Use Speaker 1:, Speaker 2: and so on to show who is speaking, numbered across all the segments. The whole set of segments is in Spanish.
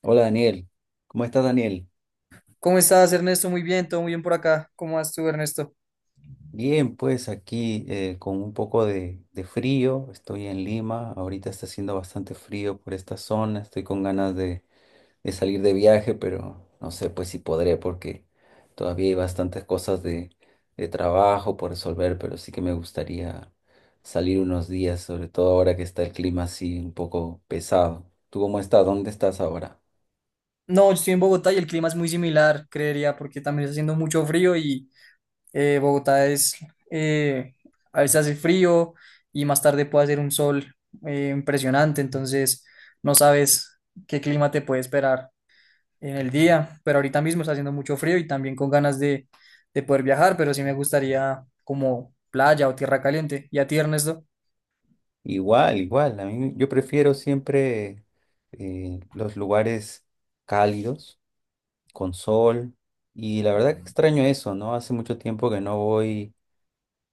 Speaker 1: Hola Daniel, ¿cómo estás Daniel?
Speaker 2: ¿Cómo estás, Ernesto? Muy bien, todo muy bien por acá. ¿Cómo vas tú, Ernesto?
Speaker 1: Bien, pues aquí con un poco de frío, estoy en Lima, ahorita está haciendo bastante frío por esta zona, estoy con ganas de salir de viaje, pero no sé pues si podré porque todavía hay bastantes cosas de trabajo por resolver, pero sí que me gustaría salir unos días, sobre todo ahora que está el clima así un poco pesado. ¿Tú cómo estás? ¿Dónde estás ahora?
Speaker 2: No, yo estoy en Bogotá y el clima es muy similar, creería, porque también está haciendo mucho frío y eh, Bogotá es, eh, a veces hace frío y más tarde puede hacer un sol impresionante. Entonces no sabes qué clima te puede esperar en el día, pero ahorita mismo está haciendo mucho frío y también con ganas de poder viajar, pero sí me gustaría como playa o tierra caliente. ¿Y a ti, Ernesto?
Speaker 1: Igual, igual. A mí, yo prefiero siempre los lugares cálidos, con sol. Y la verdad que extraño eso, ¿no? Hace mucho tiempo que no voy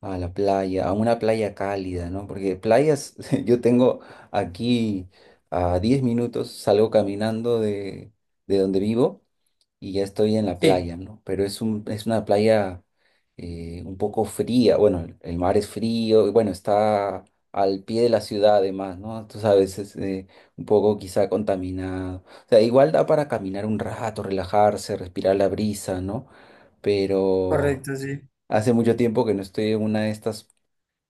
Speaker 1: a la playa, a una playa cálida, ¿no? Porque playas, yo tengo aquí a 10 minutos, salgo caminando de donde vivo y ya estoy en la
Speaker 2: Sí,
Speaker 1: playa, ¿no? Pero es una playa un poco fría, bueno, el mar es frío, y bueno, está al pie de la ciudad además, ¿no? Tú sabes, es un poco quizá contaminado. O sea, igual da para caminar un rato, relajarse, respirar la brisa, ¿no? Pero
Speaker 2: correcto, sí.
Speaker 1: hace mucho tiempo que no estoy en una de estas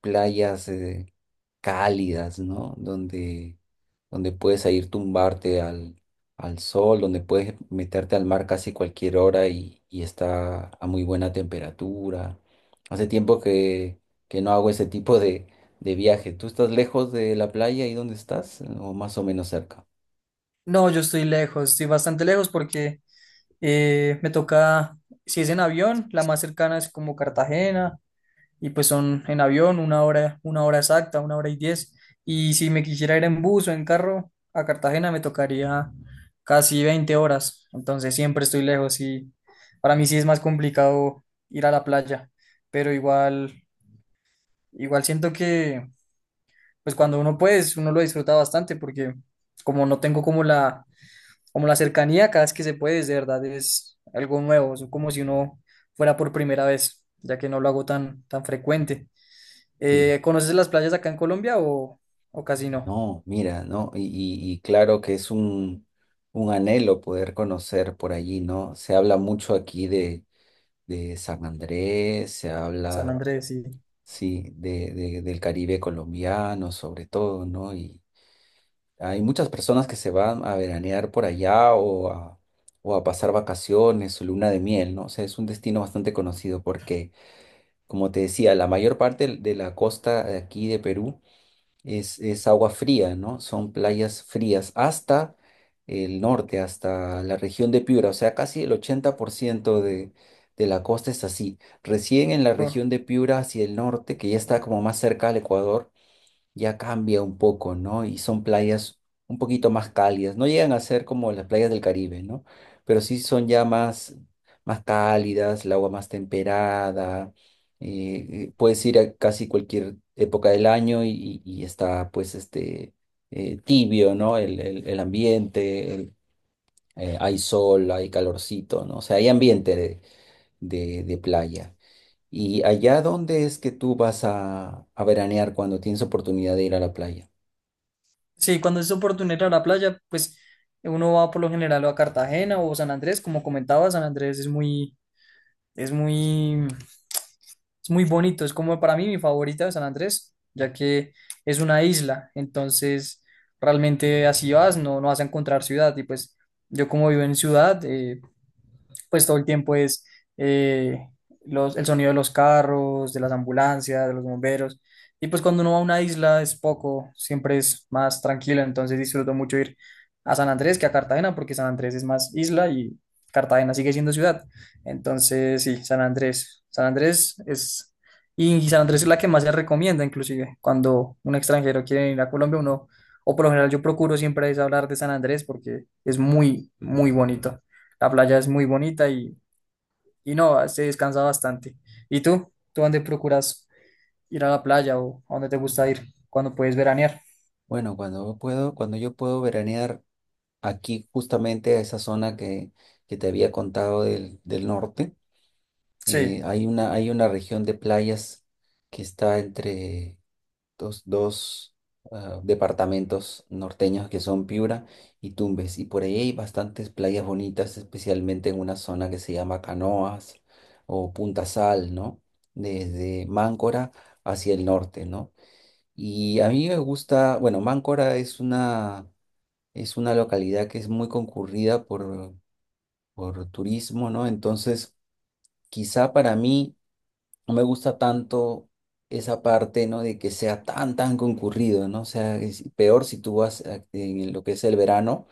Speaker 1: playas cálidas, ¿no? Donde, donde puedes ahí tumbarte al sol, donde puedes meterte al mar casi cualquier hora y está a muy buena temperatura. Hace tiempo que no hago ese tipo de viaje. ¿Tú estás lejos de la playa y dónde estás? ¿O más o menos cerca?
Speaker 2: No, yo estoy lejos, estoy bastante lejos porque me toca, si es en avión, la más cercana es como Cartagena y pues son en avión una hora exacta, una hora y diez. Y si me quisiera ir en bus o en carro a Cartagena me tocaría casi 20 horas, entonces siempre estoy lejos y para mí sí es más complicado ir a la playa, pero igual, igual siento que pues cuando uno puede, uno lo disfruta bastante porque como no tengo como la cercanía cada vez que se puede, es de verdad, es algo nuevo, es como si uno fuera por primera vez, ya que no lo hago tan, tan frecuente.
Speaker 1: Sí,
Speaker 2: ¿Conoces las playas acá en Colombia o casi no?
Speaker 1: no, mira, ¿no? Y claro que es un anhelo poder conocer por allí, ¿no? Se habla mucho aquí de San Andrés, se
Speaker 2: San
Speaker 1: habla.
Speaker 2: Andrés, sí.
Speaker 1: Sí, de del Caribe colombiano sobre todo, ¿no? Y hay muchas personas que se van a veranear por allá o a pasar vacaciones su luna de miel, ¿no? O sea, es un destino bastante conocido porque, como te decía, la mayor parte de la costa de aquí de Perú es agua fría, ¿no? Son playas frías hasta el norte, hasta la región de Piura, o sea, casi el 80% de la costa es así. Recién en la
Speaker 2: Ah.
Speaker 1: región de Piura hacia el norte, que ya está como más cerca al Ecuador, ya cambia un poco, ¿no? Y son playas un poquito más cálidas. No llegan a ser como las playas del Caribe, ¿no? Pero sí son ya más, más cálidas, el agua más temperada. Puedes ir a casi cualquier época del año y está pues este tibio, ¿no? El ambiente, hay sol, hay calorcito, ¿no? O sea, hay ambiente de playa. ¿Y allá dónde es que tú vas a veranear cuando tienes oportunidad de ir a la playa?
Speaker 2: Sí, cuando es oportunidad ir a la playa, pues uno va por lo general o a Cartagena o San Andrés, como comentaba, San Andrés Es muy, es muy bonito. Es como para mí mi favorita de San Andrés, ya que es una isla, entonces realmente así vas, no vas a encontrar ciudad y pues yo como vivo en ciudad, pues todo el tiempo es eh, el sonido de los carros, de las ambulancias, de los bomberos. Y pues cuando uno va a una isla es poco, siempre es más tranquilo, entonces disfruto mucho ir a San Andrés que a Cartagena, porque San Andrés es más isla y Cartagena sigue siendo ciudad. Entonces, sí, San Andrés. Y San Andrés es la que más se recomienda, inclusive, cuando un extranjero quiere ir a Colombia, uno, o por lo general yo procuro siempre es hablar de San Andrés porque es muy, muy bonito. La playa es muy bonita y no, se descansa bastante. ¿Y tú? ¿Tú dónde procuras ir a la playa o a dónde te gusta ir cuando puedes veranear?
Speaker 1: Bueno, cuando puedo, cuando yo puedo veranear aquí justamente a esa zona que te había contado del norte,
Speaker 2: Sí.
Speaker 1: hay una región de playas que está entre dos, dos departamentos norteños que son Piura y Tumbes. Y por ahí hay bastantes playas bonitas, especialmente en una zona que se llama Canoas o Punta Sal, ¿no? Desde Máncora hacia el norte, ¿no? Y a mí me gusta, bueno, Máncora es una localidad que es muy concurrida por turismo, ¿no? Entonces, quizá para mí no me gusta tanto esa parte, ¿no? De que sea tan, tan concurrido, ¿no? O sea, es peor si tú en lo que es el verano,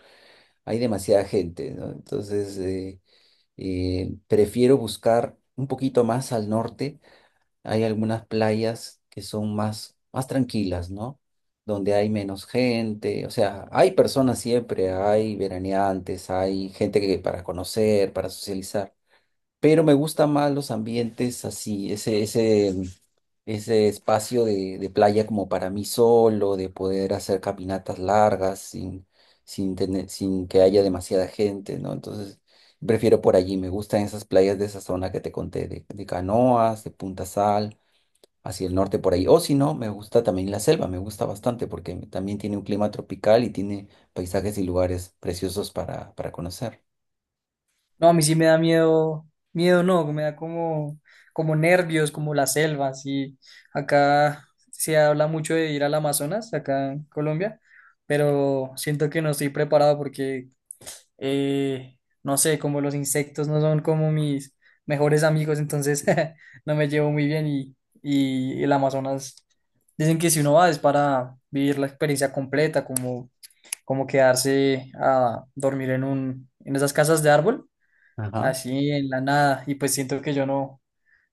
Speaker 1: hay demasiada gente, ¿no? Entonces, prefiero buscar un poquito más al norte hay algunas playas que son más, más tranquilas, ¿no? Donde hay menos gente, o sea, hay personas siempre, hay veraneantes, hay gente que para conocer, para socializar, pero me gustan más los ambientes así, ese espacio de playa como para mí solo, de poder hacer caminatas largas sin tener, sin que haya demasiada gente, ¿no? Entonces, prefiero por allí, me gustan esas playas de esa zona que te conté, de Canoas, de Punta Sal hacia el norte por ahí. O si no, me gusta también la selva, me gusta bastante porque también tiene un clima tropical y tiene paisajes y lugares preciosos para conocer.
Speaker 2: No, a mí sí me da miedo, miedo no, me da como, nervios, como las selvas. Y acá se habla mucho de ir al Amazonas, acá en Colombia, pero siento que no estoy preparado porque no sé, como los insectos no son como mis mejores amigos, entonces no me llevo muy bien y el Amazonas, dicen que si uno va es para vivir la experiencia completa, como quedarse a dormir en esas casas de árbol,
Speaker 1: Ajá.
Speaker 2: así en la nada, y pues siento que yo no,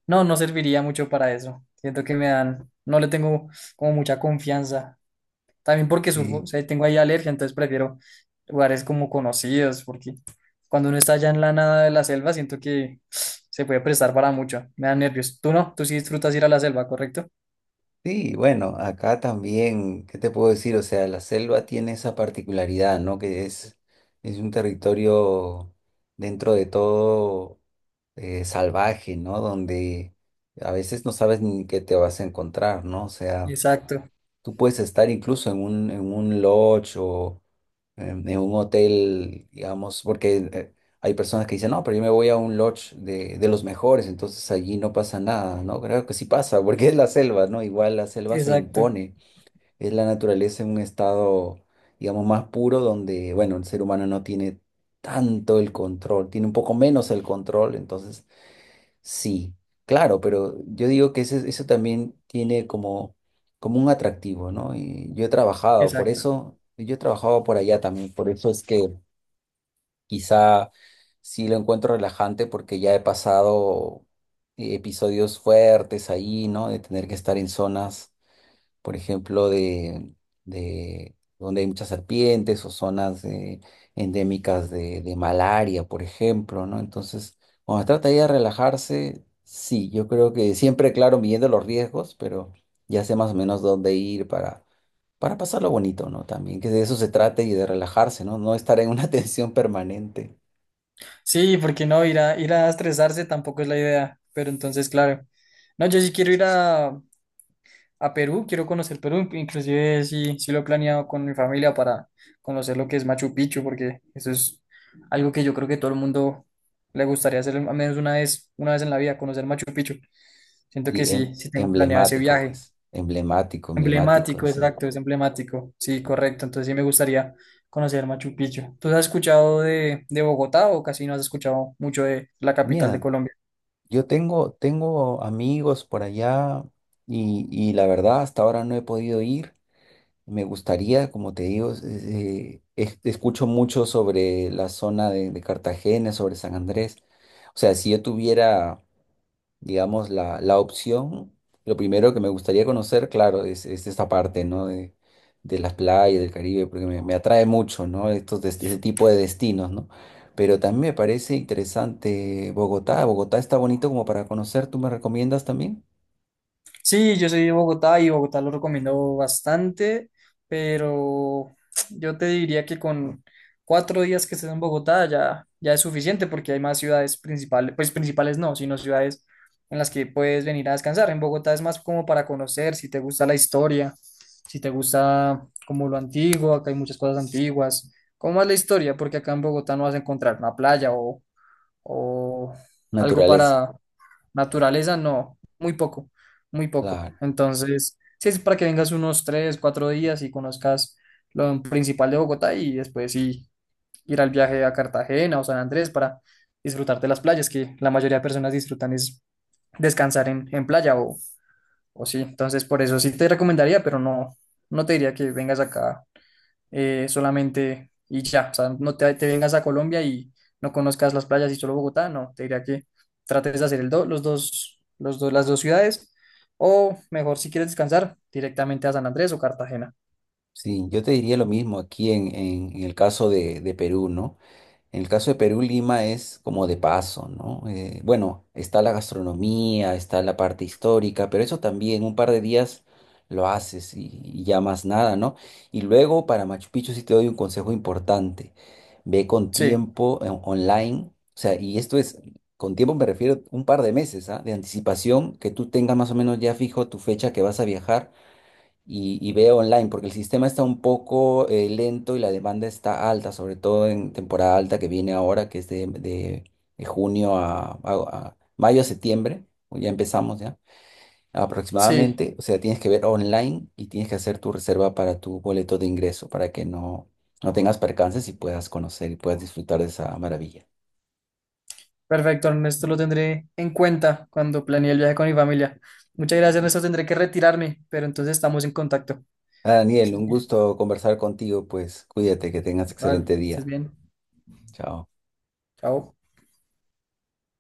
Speaker 2: no, no serviría mucho para eso, siento que me dan, no le tengo como mucha confianza también porque surfo,
Speaker 1: Sí.
Speaker 2: o sea, tengo ahí alergia, entonces prefiero lugares como conocidos, porque cuando uno está allá en la nada de la selva, siento que se puede prestar para mucho. Me da nervios. Tú no, tú sí disfrutas ir a la selva, ¿correcto?
Speaker 1: Sí, bueno, acá también, ¿qué te puedo decir? O sea, la selva tiene esa particularidad, ¿no? Que es un territorio dentro de todo salvaje, ¿no? Donde a veces no sabes ni qué te vas a encontrar, ¿no? O sea,
Speaker 2: Exacto,
Speaker 1: tú puedes estar incluso en en un lodge o en un hotel, digamos, porque hay personas que dicen, no, pero yo me voy a un lodge de los mejores, entonces allí no pasa nada, ¿no? Creo que sí pasa, porque es la selva, ¿no? Igual la selva se
Speaker 2: exacto,
Speaker 1: impone, es la naturaleza en un estado, digamos, más puro donde, bueno, el ser humano no tiene tanto el control, tiene un poco menos el control, entonces sí, claro, pero yo digo que ese eso también tiene como, como un atractivo, ¿no? Y yo he trabajado, por
Speaker 2: exacto.
Speaker 1: eso, yo he trabajado por allá también, por eso es que quizá sí lo encuentro relajante porque ya he pasado episodios fuertes ahí, ¿no? De tener que estar en zonas por ejemplo, de donde hay muchas serpientes o zonas endémicas de malaria, por ejemplo, ¿no? Entonces, cuando se trata ya de relajarse, sí, yo creo que siempre, claro, midiendo los riesgos, pero ya sé más o menos dónde ir para pasarlo bonito, ¿no? También que de eso se trate y de relajarse, ¿no? No estar en una tensión permanente.
Speaker 2: Sí, porque no, ir a estresarse tampoco es la idea, pero entonces, claro. No, yo sí quiero ir a Perú, quiero conocer Perú, inclusive sí, sí lo he planeado con mi familia para conocer lo que es Machu Picchu, porque eso es algo que yo creo que todo el mundo le gustaría hacer al menos una vez en la vida, conocer Machu Picchu. Siento que
Speaker 1: Y
Speaker 2: sí, sí tengo planeado ese
Speaker 1: emblemático,
Speaker 2: viaje.
Speaker 1: pues, emblemático, emblemático,
Speaker 2: Emblemático,
Speaker 1: sí.
Speaker 2: exacto, es emblemático. Sí,
Speaker 1: Sí.
Speaker 2: correcto. Entonces sí me gustaría conocer Machu Picchu. ¿Tú has escuchado de Bogotá o casi no has escuchado mucho de la capital de
Speaker 1: Mira,
Speaker 2: Colombia?
Speaker 1: yo tengo, tengo amigos por allá y la verdad hasta ahora no he podido ir. Me gustaría, como te digo, escucho mucho sobre la zona de Cartagena, sobre San Andrés. O sea, si yo tuviera digamos, la opción, lo primero que me gustaría conocer, claro, es esta parte, ¿no? De las playas del Caribe, porque me atrae mucho, ¿no? Ese tipo de destinos, ¿no? Pero también me parece interesante Bogotá. Bogotá está bonito como para conocer, ¿tú me recomiendas también?
Speaker 2: Sí, yo soy de Bogotá y Bogotá lo recomiendo bastante, pero yo te diría que con 4 días que estés en Bogotá ya es suficiente porque hay más ciudades principales, pues principales no, sino ciudades en las que puedes venir a descansar. En Bogotá es más como para conocer, si te gusta la historia, si te gusta como lo antiguo, acá hay muchas cosas antiguas, como más la historia, porque acá en Bogotá no vas a encontrar una playa o algo
Speaker 1: Naturaleza,
Speaker 2: para naturaleza, no, muy poco, muy poco.
Speaker 1: claro.
Speaker 2: Entonces, sí, es para que vengas unos 3, 4 días y conozcas lo principal de Bogotá y después sí ir al viaje a Cartagena o San Andrés para disfrutar de las playas, que la mayoría de personas disfrutan es descansar en playa o sí. Entonces, por eso sí te recomendaría, pero no, no te diría que vengas acá solamente y ya, o sea, no te vengas a Colombia y no conozcas las playas y solo Bogotá, no, te diría que trates de hacer el do- los dos, las dos ciudades, o mejor si quieres descansar, directamente a San Andrés o Cartagena.
Speaker 1: Sí, yo te diría lo mismo aquí en el caso de Perú, ¿no? En el caso de Perú, Lima es como de paso, ¿no? Bueno, está la gastronomía, está la parte histórica, pero eso también un par de días lo haces y ya más nada, ¿no? Y luego para Machu Picchu sí te doy un consejo importante. Ve con
Speaker 2: Sí,
Speaker 1: tiempo online, o sea, y esto es, con tiempo me refiero un par de meses, ¿ah? De anticipación, que tú tengas más o menos ya fijo tu fecha que vas a viajar y veo online, porque el sistema está un poco lento y la demanda está alta, sobre todo en temporada alta que viene ahora, que es de junio a mayo, a septiembre, o ya empezamos ya,
Speaker 2: sí,
Speaker 1: aproximadamente. O sea, tienes que ver online y tienes que hacer tu reserva para tu boleto de ingreso para que no, no tengas percances y puedas conocer y puedas disfrutar de esa maravilla.
Speaker 2: perfecto, Ernesto, lo tendré en cuenta cuando planee el viaje con mi familia. Muchas gracias, Ernesto, tendré que retirarme, pero entonces estamos en contacto.
Speaker 1: Ah, Daniel,
Speaker 2: Sí,
Speaker 1: un gusto conversar contigo, pues cuídate, que tengas
Speaker 2: vale,
Speaker 1: excelente
Speaker 2: que estés
Speaker 1: día.
Speaker 2: bien,
Speaker 1: Chao.
Speaker 2: chao.